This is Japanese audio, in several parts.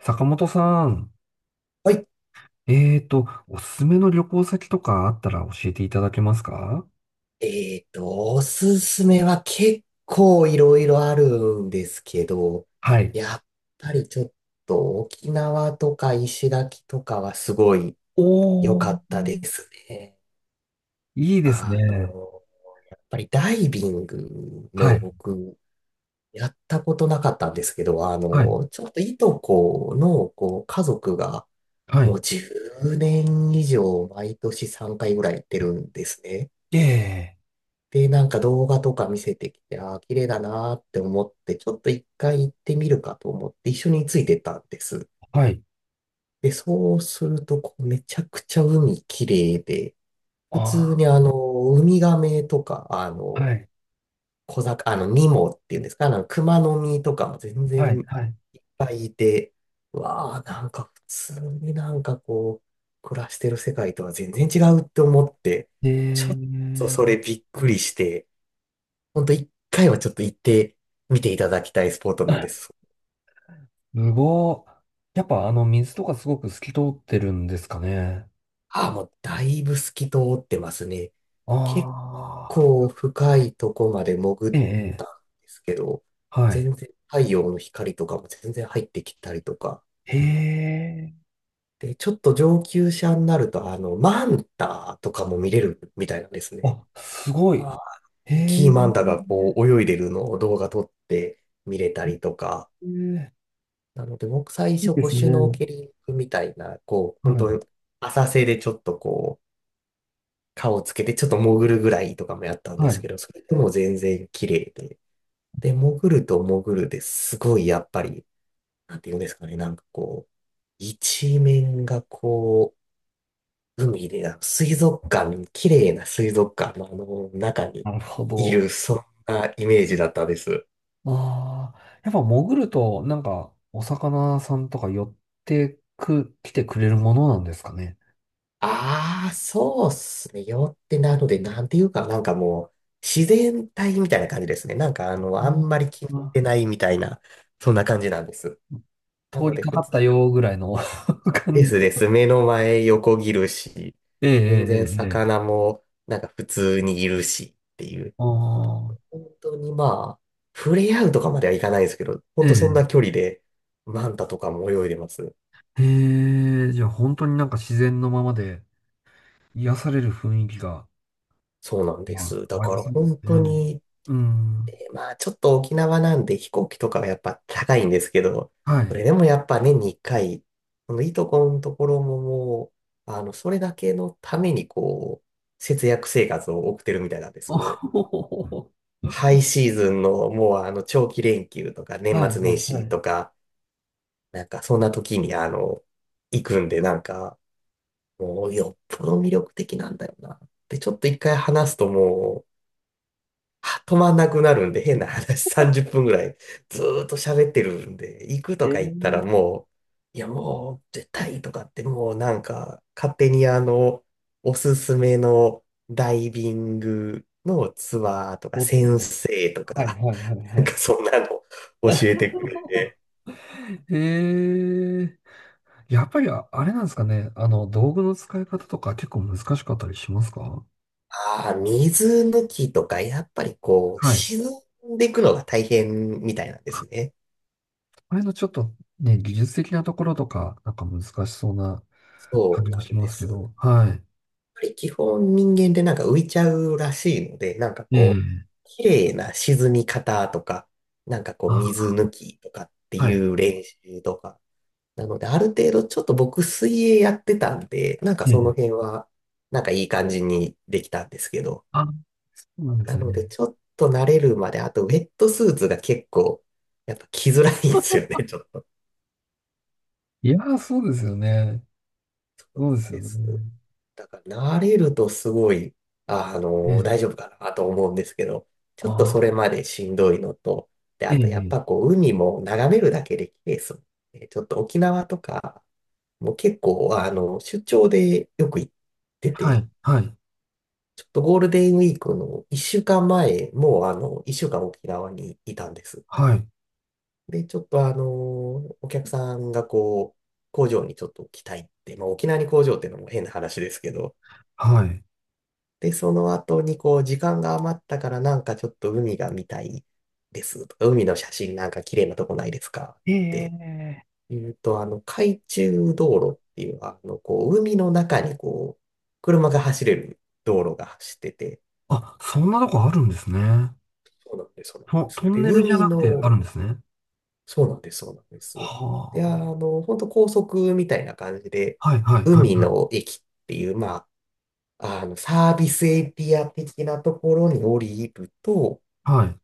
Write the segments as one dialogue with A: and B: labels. A: 坂本さん、
B: はい。
A: おすすめの旅行先とかあったら教えていただけますか？
B: おすすめは結構いろいろあるんですけど、
A: はい。
B: やっぱりちょっと沖縄とか石垣とかはすごい良かったですね。
A: いいです
B: あ
A: ね。
B: の、やっぱりダイビング
A: は
B: も
A: い。
B: 僕やったことなかったんですけど、
A: はい。
B: ちょっといとこのこう家族が
A: は
B: も
A: い。
B: う10年以上毎年3回ぐらい行ってるんですね。
A: ええ。
B: で、なんか動画とか見せてきて、ああ、綺麗だなーって思って、ちょっと一回行ってみるかと思って一緒についてったんです。
A: はい。
B: で、そうすると、こうめちゃくちゃ海綺麗で、普通
A: あ
B: にウミガメとか、
A: あ。はい。
B: 小魚、ニモっていうんですか、熊の実とかも全然
A: はい。はい。
B: いっぱいいて、うわあ、なんか普通になんかこう、暮らしてる世界とは全然違うって思って、
A: え
B: ちょっとそれ
A: え。
B: びっくりして、ほんと一回はちょっと行ってみていただきたいスポットなんです。
A: すごー。やっぱあの水とかすごく透き通ってるんですかね。
B: ああ、もうだいぶ透き通ってますね。
A: あ
B: 結
A: あ。
B: 構深いとこまで潜
A: え
B: っ
A: え。え
B: た
A: え。
B: んですけど、
A: はい。
B: 全然太陽の光とかも全然入ってきたりとか。
A: へえ。
B: で、ちょっと上級者になると、マンタとかも見れるみたいなんですね。
A: あ、すごい。
B: ああ、
A: へ
B: キー
A: え。
B: マンタがこう泳いでるのを動画撮って見れたりとか。
A: へえ。
B: なので、僕最
A: いい
B: 初、
A: で
B: こう、
A: す
B: シュノー
A: ね。
B: ケリングみたいな、こう、本
A: はい。
B: 当に浅瀬でちょっとこう、顔をつけてちょっと潜るぐらいとかもやったんで
A: は
B: す
A: い。
B: けど、それでも全然綺麗で。で、潜ると潜るですごいやっぱり、なんて言うんですかね、なんかこう、一面がこう、海で、あの水族館、綺麗な水族館のあの中に
A: なるほ
B: いる、
A: ど。
B: そんなイメージだったです。
A: ああ、やっぱ潜ると、なんか、お魚さんとか寄ってく、来てくれるものなんですかね。
B: ああ、そうっすね。よってなので、なんていうか、なんかもう、自然体みたいな感じですね。なんか、
A: う
B: あ
A: ん。
B: んまり気にし
A: あ、
B: てないみたいな、そんな感じなんです。な
A: 通
B: の
A: り
B: で、
A: か
B: 普
A: かっ
B: 通
A: たよぐらいの 感
B: で
A: じ
B: す
A: で。
B: です。目の前横切るし、
A: ええ、
B: 全然
A: ええ、ええ。
B: 魚も、なんか普通にいるしっていう。
A: ああ、
B: 本当にまあ、触れ合うとかまではいかないですけど、本
A: え
B: 当そんな
A: え。
B: 距離で、マンタとかも泳いでます。
A: ええ、じゃあ本当になんか自然のままで癒される雰囲気が、
B: そうなんで
A: ま
B: す。
A: あ、
B: だ
A: あ
B: か
A: り
B: ら
A: そうです
B: 本当
A: ね。
B: に、
A: うん。
B: まあ、ちょっと沖縄なんで飛行機とかはやっぱ高いんですけど、
A: は
B: そ
A: い。
B: れでもやっぱ年に1回、このいとこのところももう、それだけのためにこう、節約生活を送ってるみたいなんで す。
A: お
B: もう、
A: ほほほほ。
B: ハイシーズンのもう長期連休とか年
A: はい、
B: 末
A: は
B: 年
A: い、は
B: 始
A: い。
B: とか、なんかそんな時に行くんでなんか、もうよっぽど魅力的なんだよな。で、ちょっと一回話すともう、は止まんなくなるんで、変な話、30分ぐらいずーっと喋ってるんで、行くと
A: え
B: か言ったら
A: え。
B: もう、いやもう絶対とかってもうなんか勝手におすすめのダイビングのツアーとか
A: おっ
B: 先
A: と。
B: 生と
A: はい、
B: か、
A: はい、はい、
B: な
A: は
B: んか
A: い。
B: そんなの 教えてくれ て、
A: へえ。やっぱりれなんですかね。あの、道具の使い方とか結構難しかったりしますか？
B: ああ、水抜きとかやっぱりこう、
A: はい。
B: 沈んでいくのが大変みたいなんで
A: あ、
B: すね。
A: あれのちょっとね、技術的なところとか、なんか難しそうな
B: そ
A: 感
B: う
A: じも
B: な
A: し
B: ん
A: ま
B: で
A: すけ
B: す。
A: ど。はい。
B: ぱり基本人間でなんか浮いちゃうらしいので、なんか
A: え
B: こう、
A: え。
B: 綺麗な沈み方とか、なんかこう水
A: あ、
B: 抜きとかって
A: は
B: い
A: い。
B: う練習とか。なのである程度ちょっと僕水泳やってたんで、なんか
A: え
B: その
A: え。
B: 辺はなんかいい感じにできたんですけど。
A: あ、そうなんです
B: なので
A: ね。
B: ちょっと慣れるまで、あとウェットスーツが結構やっぱ着づらいんですよね、ちょっと。
A: いやー、そうですよね。
B: そうなん
A: そうですよ
B: です。
A: ね。
B: だから慣れるとすごい、
A: ええ。
B: 大丈夫かなと思うんですけど、ちょっとそれ
A: あ、
B: までしんどいのと、で、
A: え
B: あ
A: え。
B: とやっぱ
A: ええ。
B: こう、海も眺めるだけで綺麗ですもんねちょっと沖縄とか、もう結構、出張でよく行って
A: は
B: て、
A: い。はい。
B: ちょっとゴールデンウィークの1週間前、もう1週間沖縄にいたんです。
A: はい。
B: で、ちょっとお客さんがこう、工場にちょっと来たいって、まあ沖縄に工場っていうのも変な話ですけど、
A: はい。
B: で、その後にこう、時間が余ったからなんかちょっと海が見たいですとか、海の写真なんか綺麗なとこないですか
A: え
B: って
A: え。
B: 言うと、海中道路っていう、こう、海の中にこう、車が走れる道路が走ってて、
A: あ、そんなとこあるんですね。
B: そうなんです、そうなんで
A: ト
B: す。
A: ン
B: で、
A: ネルじゃ
B: 海
A: なくてある
B: の、
A: んですね。
B: そうなんです、そうなんです。で、
A: は
B: 本当高速みたいな感じで、
A: あ。はい、はい、は
B: 海
A: い、
B: の駅っていう、まあ、サービスエリア的なところに降りると、
A: はい。はい、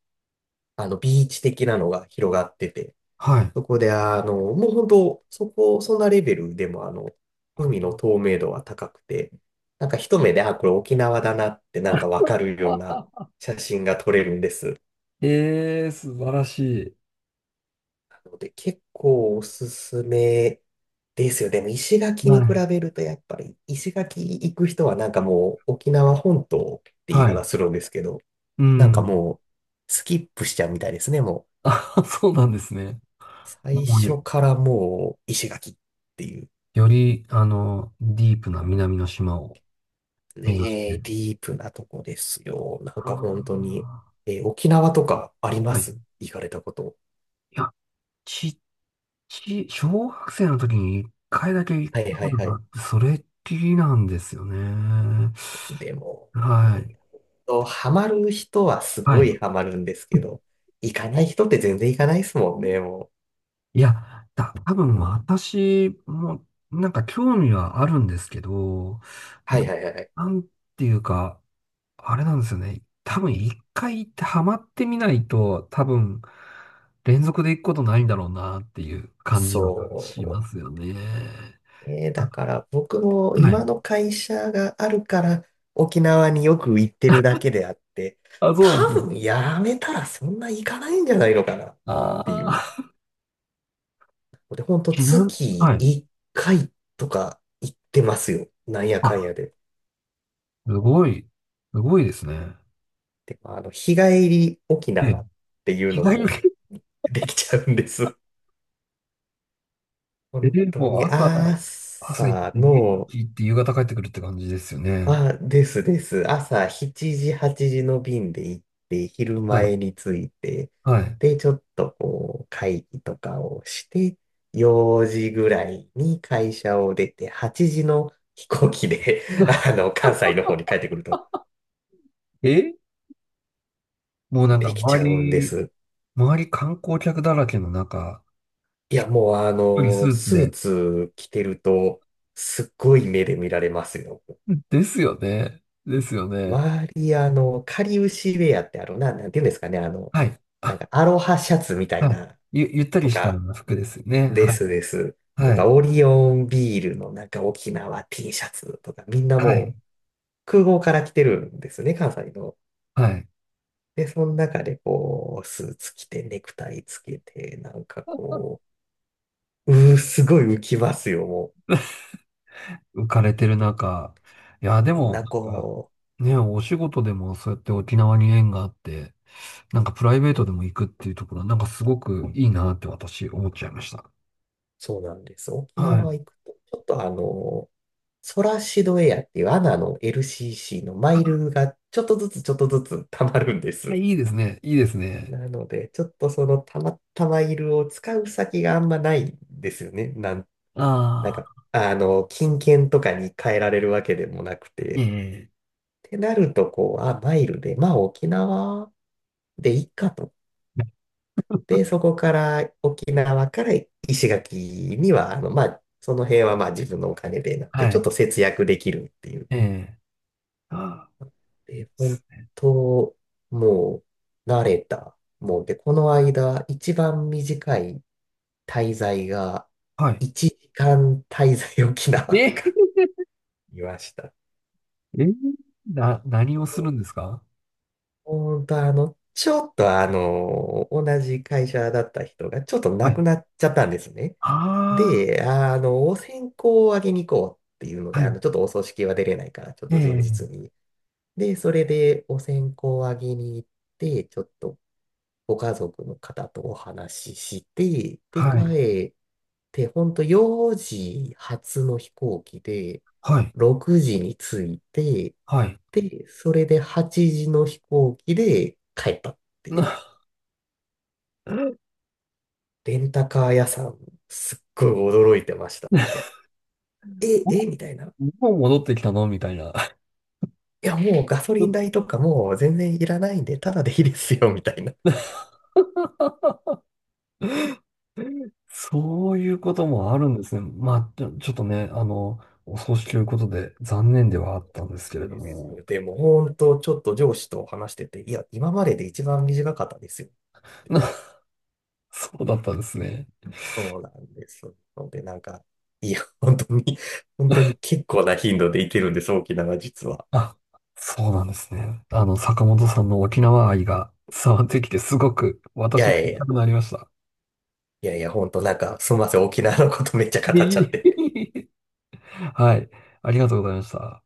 B: ビーチ的なのが広がってて、
A: はい。
B: そこで、もう本当、そこ、そんなレベルでも、海の透明度は高くて、なんか一目で、あ、これ沖縄だなって、なんかわかるような 写真が撮れるんです。
A: ええー、素晴らしい。
B: なので、結構おすすめですよ。でも、石垣
A: は
B: に比
A: い、
B: べると、やっぱり、石垣行く人は、なんかもう、沖縄本島って言い
A: はい。
B: 方するんですけど、
A: う
B: なんか
A: ん。
B: もう、スキップしちゃうみたいですね、もう。
A: あ、そうなんですね。も
B: 最
A: うね、
B: 初からもう石垣っていう
A: より、あの、ディープな南の島を目指し
B: ね、デ
A: て。
B: ィープなとこですよ。なん
A: あ
B: か本当に、
A: あ、
B: 沖縄とかありま
A: はい。
B: す
A: い
B: 行かれたこと。
A: や、ち、小学生の時に一回だけ行っ
B: はい
A: た
B: は
A: こ
B: い
A: と
B: は
A: があ
B: い。
A: って、それっきりなんですよね。
B: でも、
A: はい。
B: ハマる人はす
A: は
B: ご
A: い。
B: いハマるんですけど、行かない人って全然行かないですもんね、もう。
A: いや、多分私もなんか興味はあるんですけど、
B: は
A: な、
B: いはいはい。
A: なんていうか、あれなんですよね。多分一回行ってハマってみないと、多分連続で行くことないんだろうなっていう感じはし
B: そ
A: ま
B: う。
A: すよね。
B: だか
A: あ、
B: ら僕も
A: はい。
B: 今の会社があるから沖縄によく行ってるだけであって、
A: あ、そうなんで
B: 多
A: すね。
B: 分やめたらそんな行かないんじゃないのかなって
A: あ
B: いう。
A: あ、
B: で、ほんと
A: ちな、は
B: 月
A: い。
B: 1回とか行ってますよ。なんやかん
A: あ、
B: やで。
A: すごい、すごいですね。
B: で、まあの、日帰り沖
A: で、
B: 縄っていう
A: 日
B: の
A: 帰
B: も
A: り。
B: できちゃうんです。
A: え
B: 本
A: ー、
B: 当
A: もう
B: に
A: 朝、朝行って
B: 朝
A: 家に
B: の
A: 行って夕方帰ってくるって感じですよね。
B: あ、ですです。朝7時、8時の便で行って、昼
A: はい。
B: 前に着いて、
A: はい。
B: で、ちょっとこう、会議とかをして、4時ぐらいに会社を出て、8時の飛行機で 関西の方に帰ってくると
A: え、もうなんか
B: できちゃうんです。
A: 周り観光客だらけの中、
B: い
A: ひっ
B: や、もう
A: くりスーツ
B: スー
A: で。
B: ツ着てると、すっごい目で見られますよ。
A: ですよね。ですよね。
B: 周り、かりゆしウェアってなんていうんですかね、
A: はい。
B: なん
A: あ、
B: かアロハシャツみたい
A: はい。
B: な、
A: ゆったり
B: と
A: した
B: か、
A: 服ですよね。
B: で
A: は
B: す
A: い。
B: です。と
A: は
B: か、
A: い。
B: オリオンビールのなんか沖縄 T シャツとか、みんな
A: はい。
B: もう空港から来てるんですね、関西の。
A: はい。
B: で、その中でこう、スーツ着て、ネクタイつけて、なんかこ う、うー、すごい浮きますよ、も
A: 浮かれてる中。いや、
B: う。
A: で
B: みん
A: も、
B: な
A: なんか、
B: こう、
A: ね、お仕事でもそうやって沖縄に縁があって、なんかプライベートでも行くっていうところは、なんかすごくいいなって私思っちゃいました。
B: そうなんです。沖縄
A: は
B: 行くと、ちょっとソラシドエアっていうアナの LCC のマイルがちょっとずつちょっとずつ溜まるんで
A: い。いや、
B: す。
A: いいですね。いいですね。
B: なので、ちょっとそのたまたまいるを使う先があんまないんですよね。なん
A: あ
B: か、
A: あ、
B: 金券とかに変えられるわけでもなく
A: え
B: て。
A: え。
B: ってなると、こう、あ、マイルで、まあ沖縄でいいかと。で、そこから沖縄から石垣には、まあ、その辺はまあ自分のお金でなって、
A: は
B: ちょっ
A: い。
B: と節約できるっていう。
A: ええ。ああ、いい
B: で、
A: で
B: 本
A: すね。
B: 当、もう、慣れた。もう、で、この間、一番短い滞在が、
A: はい。
B: 1時間滞在沖縄とか
A: え、
B: いました。
A: えー、何をするんですか？
B: 本当、ちょっと同じ会社だった人が、ちょっと
A: は
B: 亡
A: い。
B: くなっちゃったんですね。
A: あ
B: で、お線香をあげに行こうっていうの
A: あ、
B: で、
A: はい。
B: ちょっとお葬式は出れないから、ちょっ
A: え
B: と前日
A: え。
B: に。で、それでお線香をあげに行って、ちょっとご家族の方とお話しして、で、
A: はい。
B: 帰って、ほんと4時発の飛行機で、
A: はい。
B: 6時に着いて、
A: はい。
B: で、それで8時の飛行機で帰ったって
A: な、
B: いう。レンタカー屋さん、すっごい驚いてました。え、え、みたいな。
A: もう戻ってきたのみたいな。
B: いや、もうガソリン代 とかもう全然いらないんで、ただでいいですよ、みたいな。
A: そういうこともあるんですね。まあ、ちょっとね、あの、お葬式ということで残念ではあったんですけれど
B: です
A: も。
B: でも、本当ちょっと上司と話してて、いや、今までで一番短かったですよ。
A: な、そうだったんですね。
B: そうなんです。ので、なんか、いや、本当に、本当に結構な頻度で行けてるんです、沖縄実は。
A: あ、そうなんですね。あの、坂本さんの沖縄愛が伝わってきて、すごく
B: い
A: 私
B: や
A: も
B: い
A: 行
B: やい
A: きた
B: や、
A: くなりました。
B: いやいや、本当なんか、すみません、沖縄のことめっちゃ語
A: いえ
B: っちゃっ
A: い
B: て。
A: え。 はい。ありがとうございました。